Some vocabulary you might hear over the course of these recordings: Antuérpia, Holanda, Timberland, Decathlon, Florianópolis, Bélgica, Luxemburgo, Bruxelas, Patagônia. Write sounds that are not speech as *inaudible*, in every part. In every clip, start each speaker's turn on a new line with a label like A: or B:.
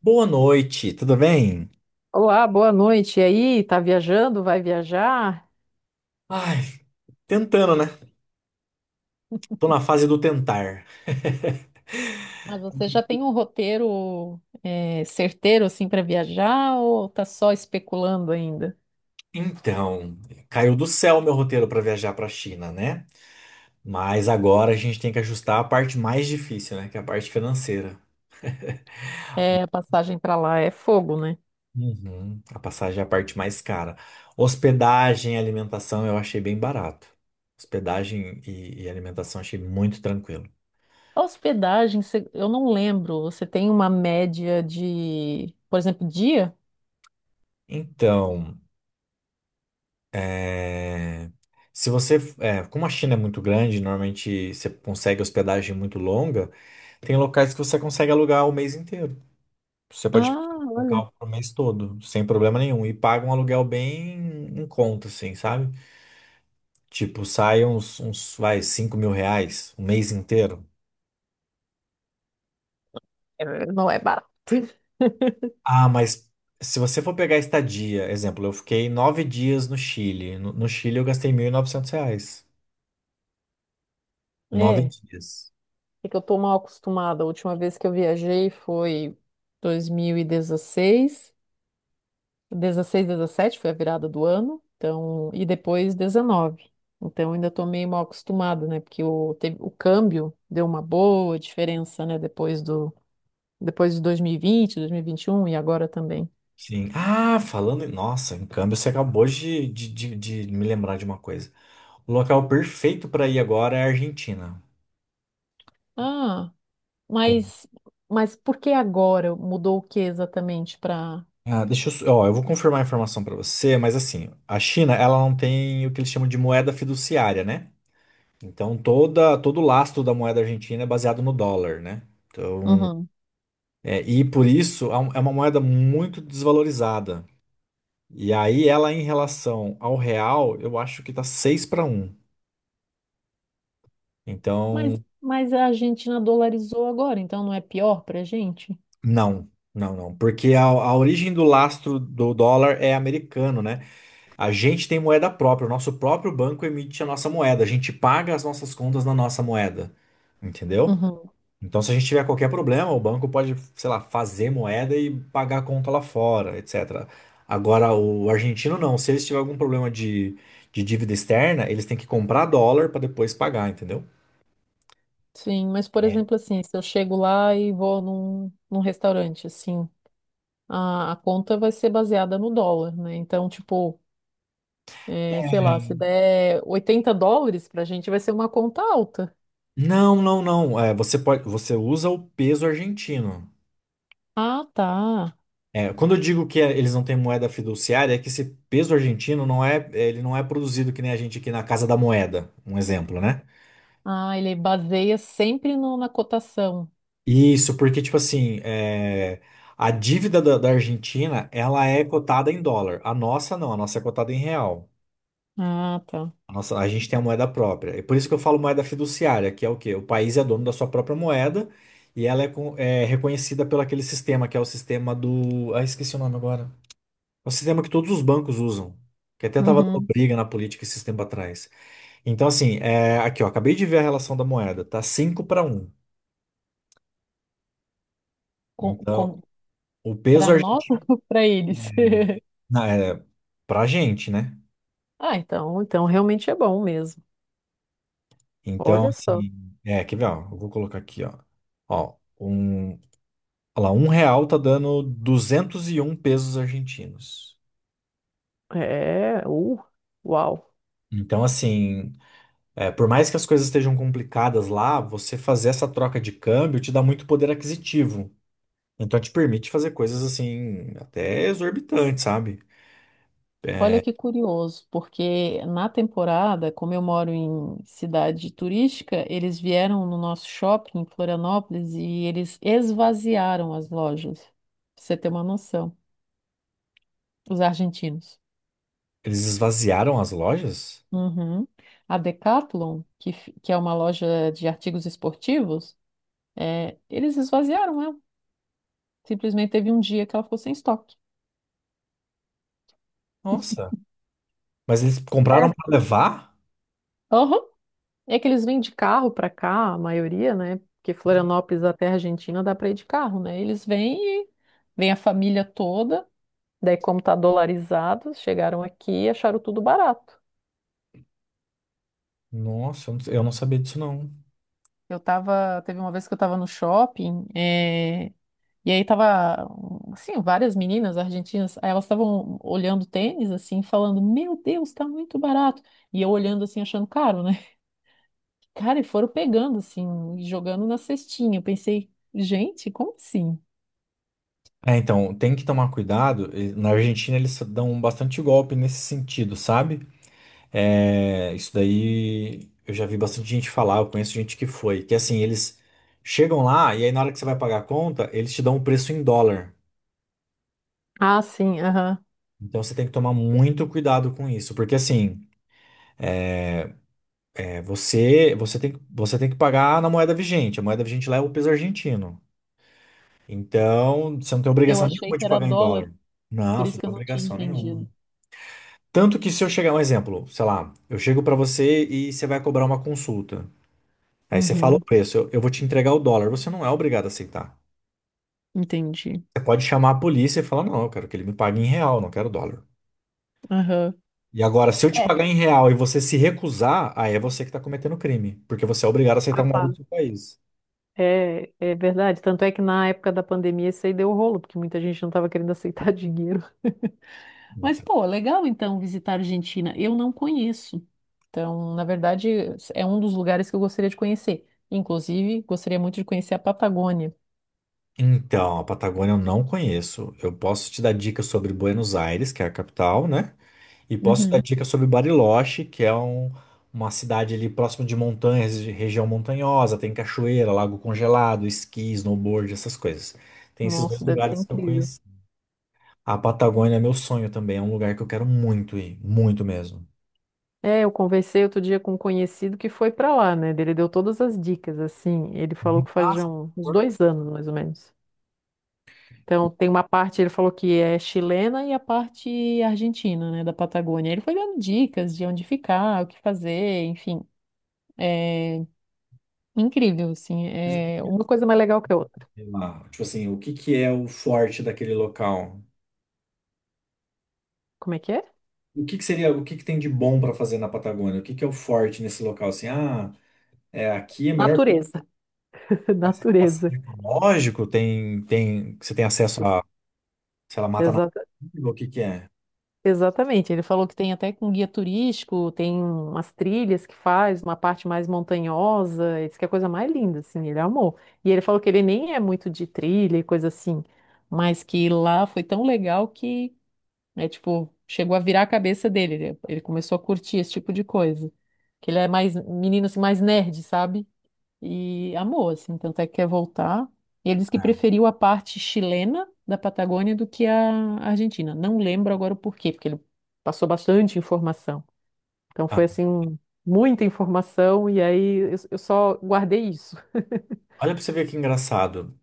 A: Boa noite, tudo bem?
B: Olá, boa noite. E aí, tá viajando? Vai viajar?
A: Ai, tentando, né? Tô na fase do tentar.
B: Mas você já tem um roteiro certeiro assim para viajar ou tá só especulando ainda?
A: Então, caiu do céu meu roteiro pra viajar pra China, né? Mas agora a gente tem que ajustar a parte mais difícil, né? Que é a parte financeira.
B: É, a passagem para lá é fogo, né?
A: Uhum. A passagem é a parte mais cara. Hospedagem e alimentação eu achei bem barato. Hospedagem e alimentação achei muito tranquilo.
B: A hospedagem, você- eu não lembro. Você tem uma média de, por exemplo, dia?
A: Então. É, se você, é, como a China é muito grande, normalmente você consegue hospedagem muito longa, tem locais que você consegue alugar o mês inteiro. Você pode pegar
B: Ah,
A: um
B: olha,
A: local pro mês todo, sem problema nenhum, e paga um aluguel bem em conta, assim, sabe? Tipo, sai uns, vai, 5.000 reais o mês inteiro.
B: é, não é barato. *laughs*
A: Ah, mas se você for pegar estadia, exemplo, eu fiquei 9 dias no Chile. No Chile eu gastei 1.900 reais. Nove
B: É,
A: dias.
B: é que eu tô mal acostumada. A última vez que eu viajei foi 2016. 16, 17 foi a virada do ano, então, e depois 19. Então ainda estou meio mal acostumada, né? Porque o, teve, o câmbio deu uma boa diferença, né? Depois de 2020, 2021 2021 e agora também.
A: Sim. Ah, falando em. Nossa, em câmbio, você acabou de me lembrar de uma coisa. O local perfeito para ir agora é a Argentina.
B: Ah,
A: Bom,
B: mas, mas por que agora mudou o que exatamente para.
A: ah, deixa eu. Ó, eu vou confirmar a informação para você, mas assim, a China, ela não tem o que eles chamam de moeda fiduciária, né? Então, todo o lastro da moeda argentina é baseado no dólar, né? Então,
B: Uhum.
A: é, e por isso é é uma moeda muito desvalorizada. E aí, ela em relação ao real, eu acho que tá 6 para 1.
B: Mas,
A: Então.
B: mas a Argentina dolarizou agora, então não é pior para a gente?
A: Não, não, não. Porque a origem do lastro do dólar é americano, né? A gente tem moeda própria, o nosso próprio banco emite a nossa moeda, a gente paga as nossas contas na nossa moeda, entendeu?
B: Uhum.
A: Então, se a gente tiver qualquer problema, o banco pode, sei lá, fazer moeda e pagar a conta lá fora, etc. Agora, o argentino não. Se eles tiverem algum problema de dívida externa, eles têm que comprar dólar para depois pagar, entendeu?
B: Sim, mas por
A: É.
B: exemplo, assim, se eu chego lá e vou num restaurante, assim. A conta vai ser baseada no dólar, né? Então, tipo, é, sei lá, se der US$ 80 pra gente, vai ser uma conta alta.
A: Não, não, não. É, você pode, você usa o peso argentino.
B: Ah, tá.
A: É, quando eu digo que é, eles não têm moeda fiduciária, é que esse peso argentino não é, ele não é produzido que nem a gente aqui na Casa da Moeda, um exemplo, né?
B: Ah, ele baseia sempre no- na cotação.
A: Isso, porque, tipo assim, é, a dívida da Argentina, ela é cotada em dólar. A nossa não, a nossa é cotada em real.
B: Ah, tá.
A: A nossa, a gente tem a moeda própria. É por isso que eu falo moeda fiduciária, que é o quê? O país é dono da sua própria moeda e ela é, é reconhecida pelo aquele sistema, que é o sistema do... Ah, esqueci o nome agora. É um sistema que todos os bancos usam. Que até estava dando
B: Uhum.
A: briga na política esse tempo atrás. Então, assim, é, aqui, ó, acabei de ver a relação da moeda. Tá 5 para 1.
B: Com,
A: Então,
B: com,
A: o
B: Para
A: peso
B: nós
A: argentino.
B: *laughs* ou para eles? *laughs*
A: Não, é pra gente, né?
B: Ah, então, então realmente é bom mesmo.
A: Então,
B: Olha só.
A: assim, é, quer ver, ó, eu vou colocar aqui, ó. Ó, um, olha lá, um real tá dando 201 pesos argentinos.
B: É, uau.
A: Então, assim, é, por mais que as coisas estejam complicadas lá, você fazer essa troca de câmbio te dá muito poder aquisitivo. Então te permite fazer coisas assim, até exorbitantes, sabe?
B: Olha que curioso, porque na temporada, como eu moro em cidade turística, eles vieram no nosso shopping em Florianópolis e eles esvaziaram as lojas, pra você ter uma noção, os argentinos.
A: Eles esvaziaram as lojas?
B: Uhum. A Decathlon, que, que é uma loja de artigos esportivos, é, eles esvaziaram ela. Simplesmente teve um dia que ela ficou sem estoque.
A: Nossa. Mas eles
B: É.
A: compraram pra levar?
B: Aham. É que eles vêm de carro para cá, a maioria, né? Porque Florianópolis até a Argentina dá para ir de carro, né? Eles vêm e vem a família toda. Daí, como tá dolarizado, chegaram aqui e acharam tudo barato.
A: Nossa, eu não sabia disso não.
B: Eu tava, teve uma vez que eu tava no shopping, e aí tava, assim, várias meninas argentinas, aí elas estavam olhando tênis, assim, falando, meu Deus, tá muito barato. E eu olhando, assim, achando caro, né? *laughs* Cara, e foram pegando, assim, e jogando na cestinha. Eu pensei, gente, como assim?
A: É, então, tem que tomar cuidado. E na Argentina eles dão bastante golpe nesse sentido, sabe? É, isso daí eu já vi bastante gente falar, eu conheço gente que foi. Que assim, eles chegam lá e aí na hora que você vai pagar a conta, eles te dão o preço em dólar.
B: Ah, sim, aham.
A: Então você tem que tomar muito cuidado com isso, porque assim. É. Você tem que pagar na moeda vigente. A moeda vigente lá é o peso argentino. Então, você não tem
B: Eu
A: obrigação
B: achei
A: nenhuma
B: que
A: de
B: era
A: pagar em
B: dólar,
A: dólar. Não,
B: por
A: você
B: isso
A: não
B: que
A: tem
B: eu não tinha
A: obrigação nenhuma.
B: entendido.
A: Tanto que se eu chegar, um exemplo, sei lá, eu chego para você e você vai cobrar uma consulta. Aí você fala o
B: Uhum,
A: preço, eu vou te entregar o dólar. Você não é obrigado a aceitar.
B: entendi.
A: Você pode chamar a polícia e falar, não, eu quero que ele me pague em real, não quero dólar.
B: Aham.
A: E agora, se eu te
B: É,
A: pagar em real e você se recusar, aí é você que está cometendo crime, porque você é obrigado a aceitar a
B: ah,
A: moeda do
B: claro.
A: seu país.
B: É, é verdade. Tanto é que na época da pandemia isso aí deu rolo, porque muita gente não estava querendo aceitar *laughs* dinheiro. Mas, pô, legal então visitar a Argentina. Eu não conheço. Então, na verdade, é um dos lugares que eu gostaria de conhecer. Inclusive, gostaria muito de conhecer a Patagônia.
A: Então, a Patagônia eu não conheço. Eu posso te dar dicas sobre Buenos Aires, que é a capital, né? E posso te dar
B: Uhum.
A: dicas sobre Bariloche, que é uma cidade ali próximo de montanhas, de região montanhosa, tem cachoeira, lago congelado, esqui, snowboard, essas coisas. Tem esses dois
B: Nossa, deve ser
A: lugares que eu
B: incrível.
A: conheci. A Patagônia é meu sonho também, é um lugar que eu quero muito ir, muito mesmo.
B: É, eu conversei outro dia com um conhecido que foi para lá, né? Ele deu todas as dicas, assim. Ele falou
A: Me
B: que faz já
A: passa,
B: uns
A: por
B: 2 anos, mais ou menos. Então, tem uma parte, ele falou que é chilena e a parte argentina, né, da Patagônia. Ele foi dando dicas de onde ficar, o que fazer, enfim. É incrível, assim.
A: favor,
B: É uma coisa mais legal que a outra.
A: sei lá, tipo assim, o que que é o forte daquele local?
B: Como é que é?
A: O que que seria, o que que tem de bom para fazer na Patagônia? O que que é o forte nesse local? Assim, ah, é, aqui é melhor
B: Natureza. *laughs*
A: fazer
B: Natureza.
A: passeio ecológico, tem, você tem acesso a, sei lá, mata
B: Isso.
A: nativa, o que que é?
B: Exatamente, ele falou que tem até com guia turístico, tem umas trilhas que faz, uma parte mais montanhosa, ele disse que é a coisa mais linda, assim, ele amou. E ele falou que ele nem é muito de trilha e coisa assim, mas que lá foi tão legal que, é tipo, chegou a virar a cabeça dele, ele começou a curtir esse tipo de coisa. Que ele é mais, menino assim, mais nerd, sabe? E amou, assim, tanto é que quer voltar. E ele disse que
A: Ah,
B: preferiu a parte chilena da Patagônia do que a Argentina. Não lembro agora o porquê, porque ele passou bastante informação. Então foi
A: ah,
B: assim, muita informação, e aí eu só guardei isso.
A: olha para você ver que engraçado.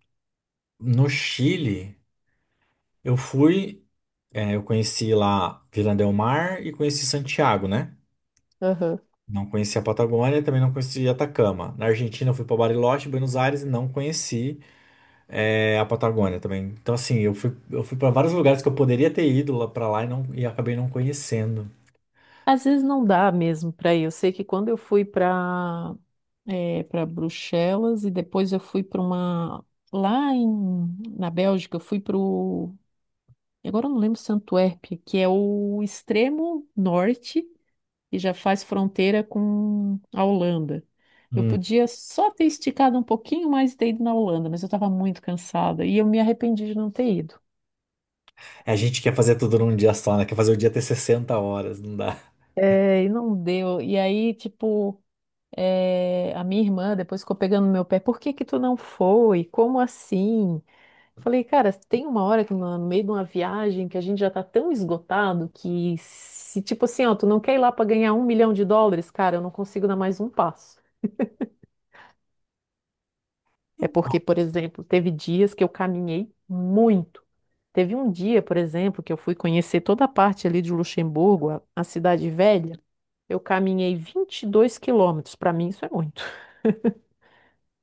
A: No Chile, eu fui, é, eu conheci lá Vila del Mar e conheci Santiago, né?
B: Aham.
A: Não conheci a Patagônia, também não conheci Atacama. Na Argentina, eu fui para Bariloche, Buenos Aires e não conheci. É, a Patagônia também. Então, assim, eu fui para vários lugares que eu poderia ter ido lá para lá e, não, e acabei não conhecendo.
B: Às vezes não dá mesmo para ir. Eu sei que quando eu fui para Bruxelas e depois eu fui para uma. Lá em, na Bélgica, eu fui para o e agora eu não lembro se é Antuérpia, que é o extremo norte e já faz fronteira com a Holanda. Eu
A: Hum.
B: podia só ter esticado um pouquinho mais e ter ido na Holanda, mas eu estava muito cansada e eu me arrependi de não ter ido.
A: A gente quer fazer tudo num dia só, né? Quer fazer o dia ter 60 horas, não dá.
B: É, e não deu. E aí, tipo, é, a minha irmã depois ficou pegando no meu pé. Por que que tu não foi? Como assim? Falei, cara, tem uma hora que no meio de uma viagem que a gente já tá tão esgotado que se tipo assim, ó, tu não quer ir lá pra ganhar US$ 1 milhão, cara, eu não consigo dar mais um passo. É porque, por exemplo, teve dias que eu caminhei muito. Teve um dia, por exemplo, que eu fui conhecer toda a parte ali de Luxemburgo, a cidade velha. Eu caminhei 22 quilômetros. Para mim, isso é muito.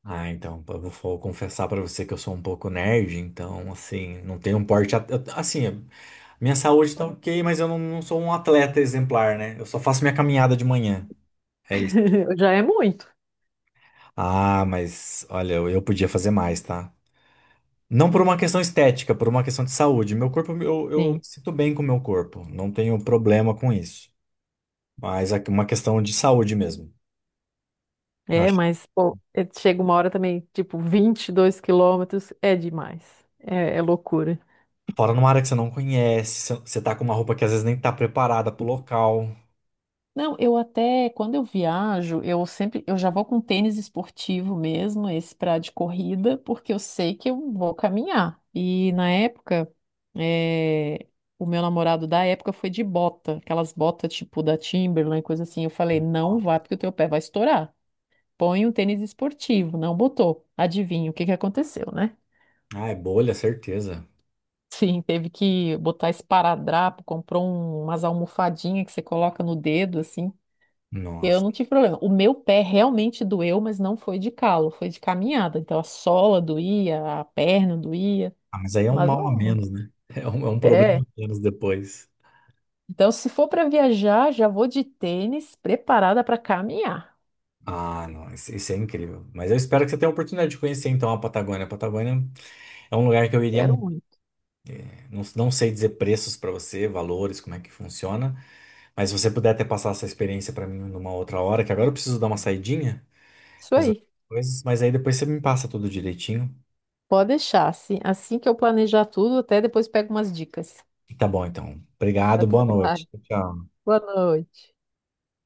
A: Ah, então, eu vou confessar pra você que eu sou um pouco nerd, então, assim, não tenho um porte. Assim, minha saúde tá ok, mas eu não, não sou um atleta exemplar, né? Eu só faço minha caminhada de manhã. É isso.
B: *laughs* Já é muito.
A: Ah, mas olha, eu podia fazer mais, tá? Não por uma questão estética, por uma questão de saúde. Meu corpo, eu me
B: Sim.
A: sinto bem com o meu corpo, não tenho problema com isso. Mas é uma questão de saúde mesmo. Eu
B: É,
A: acho.
B: mas, pô, é- chega uma hora também, tipo, 22 quilômetros é demais. É, é loucura.
A: Fora numa área que você não conhece, você tá com uma roupa que às vezes nem tá preparada pro local.
B: Não, eu até, quando eu viajo, eu sempre, eu já vou com tênis esportivo mesmo, esse pra de corrida, porque eu sei que eu vou caminhar. E na época, eh, o meu namorado da época foi de bota, aquelas botas tipo da Timberland, coisa assim. Eu falei, não vá, porque o teu pé vai estourar. Põe um tênis esportivo. Não botou. Adivinha o que que aconteceu, né?
A: Ah, é bolha, certeza.
B: Sim, teve que botar esparadrapo, comprou umas almofadinhas que você coloca no dedo, assim. Eu
A: Nossa.
B: não tive problema. O meu pé realmente doeu, mas não foi de calo, foi de caminhada. Então a sola doía, a perna doía,
A: Ah, mas aí é um
B: mas
A: mal a
B: não.
A: menos, né? *laughs* É um problema
B: É.
A: a menos depois.
B: Então, se for para viajar, já vou de tênis preparada para caminhar.
A: Ah, não, isso é incrível. Mas eu espero que você tenha a oportunidade de conhecer então a Patagônia. A Patagônia é um lugar que eu iria
B: Quero
A: muito.
B: muito.
A: Não, não sei dizer preços para você, valores, como é que funciona. Mas se você puder até passar essa experiência para mim numa outra hora, que agora eu preciso dar uma saidinha,
B: Isso
A: resolver
B: aí.
A: coisas, mas aí depois você me passa tudo direitinho.
B: Pode deixar, assim, assim que eu planejar tudo, até depois pego umas dicas.
A: Tá bom, então. Obrigado,
B: Até
A: boa
B: lá.
A: noite. Tchau.
B: Boa noite.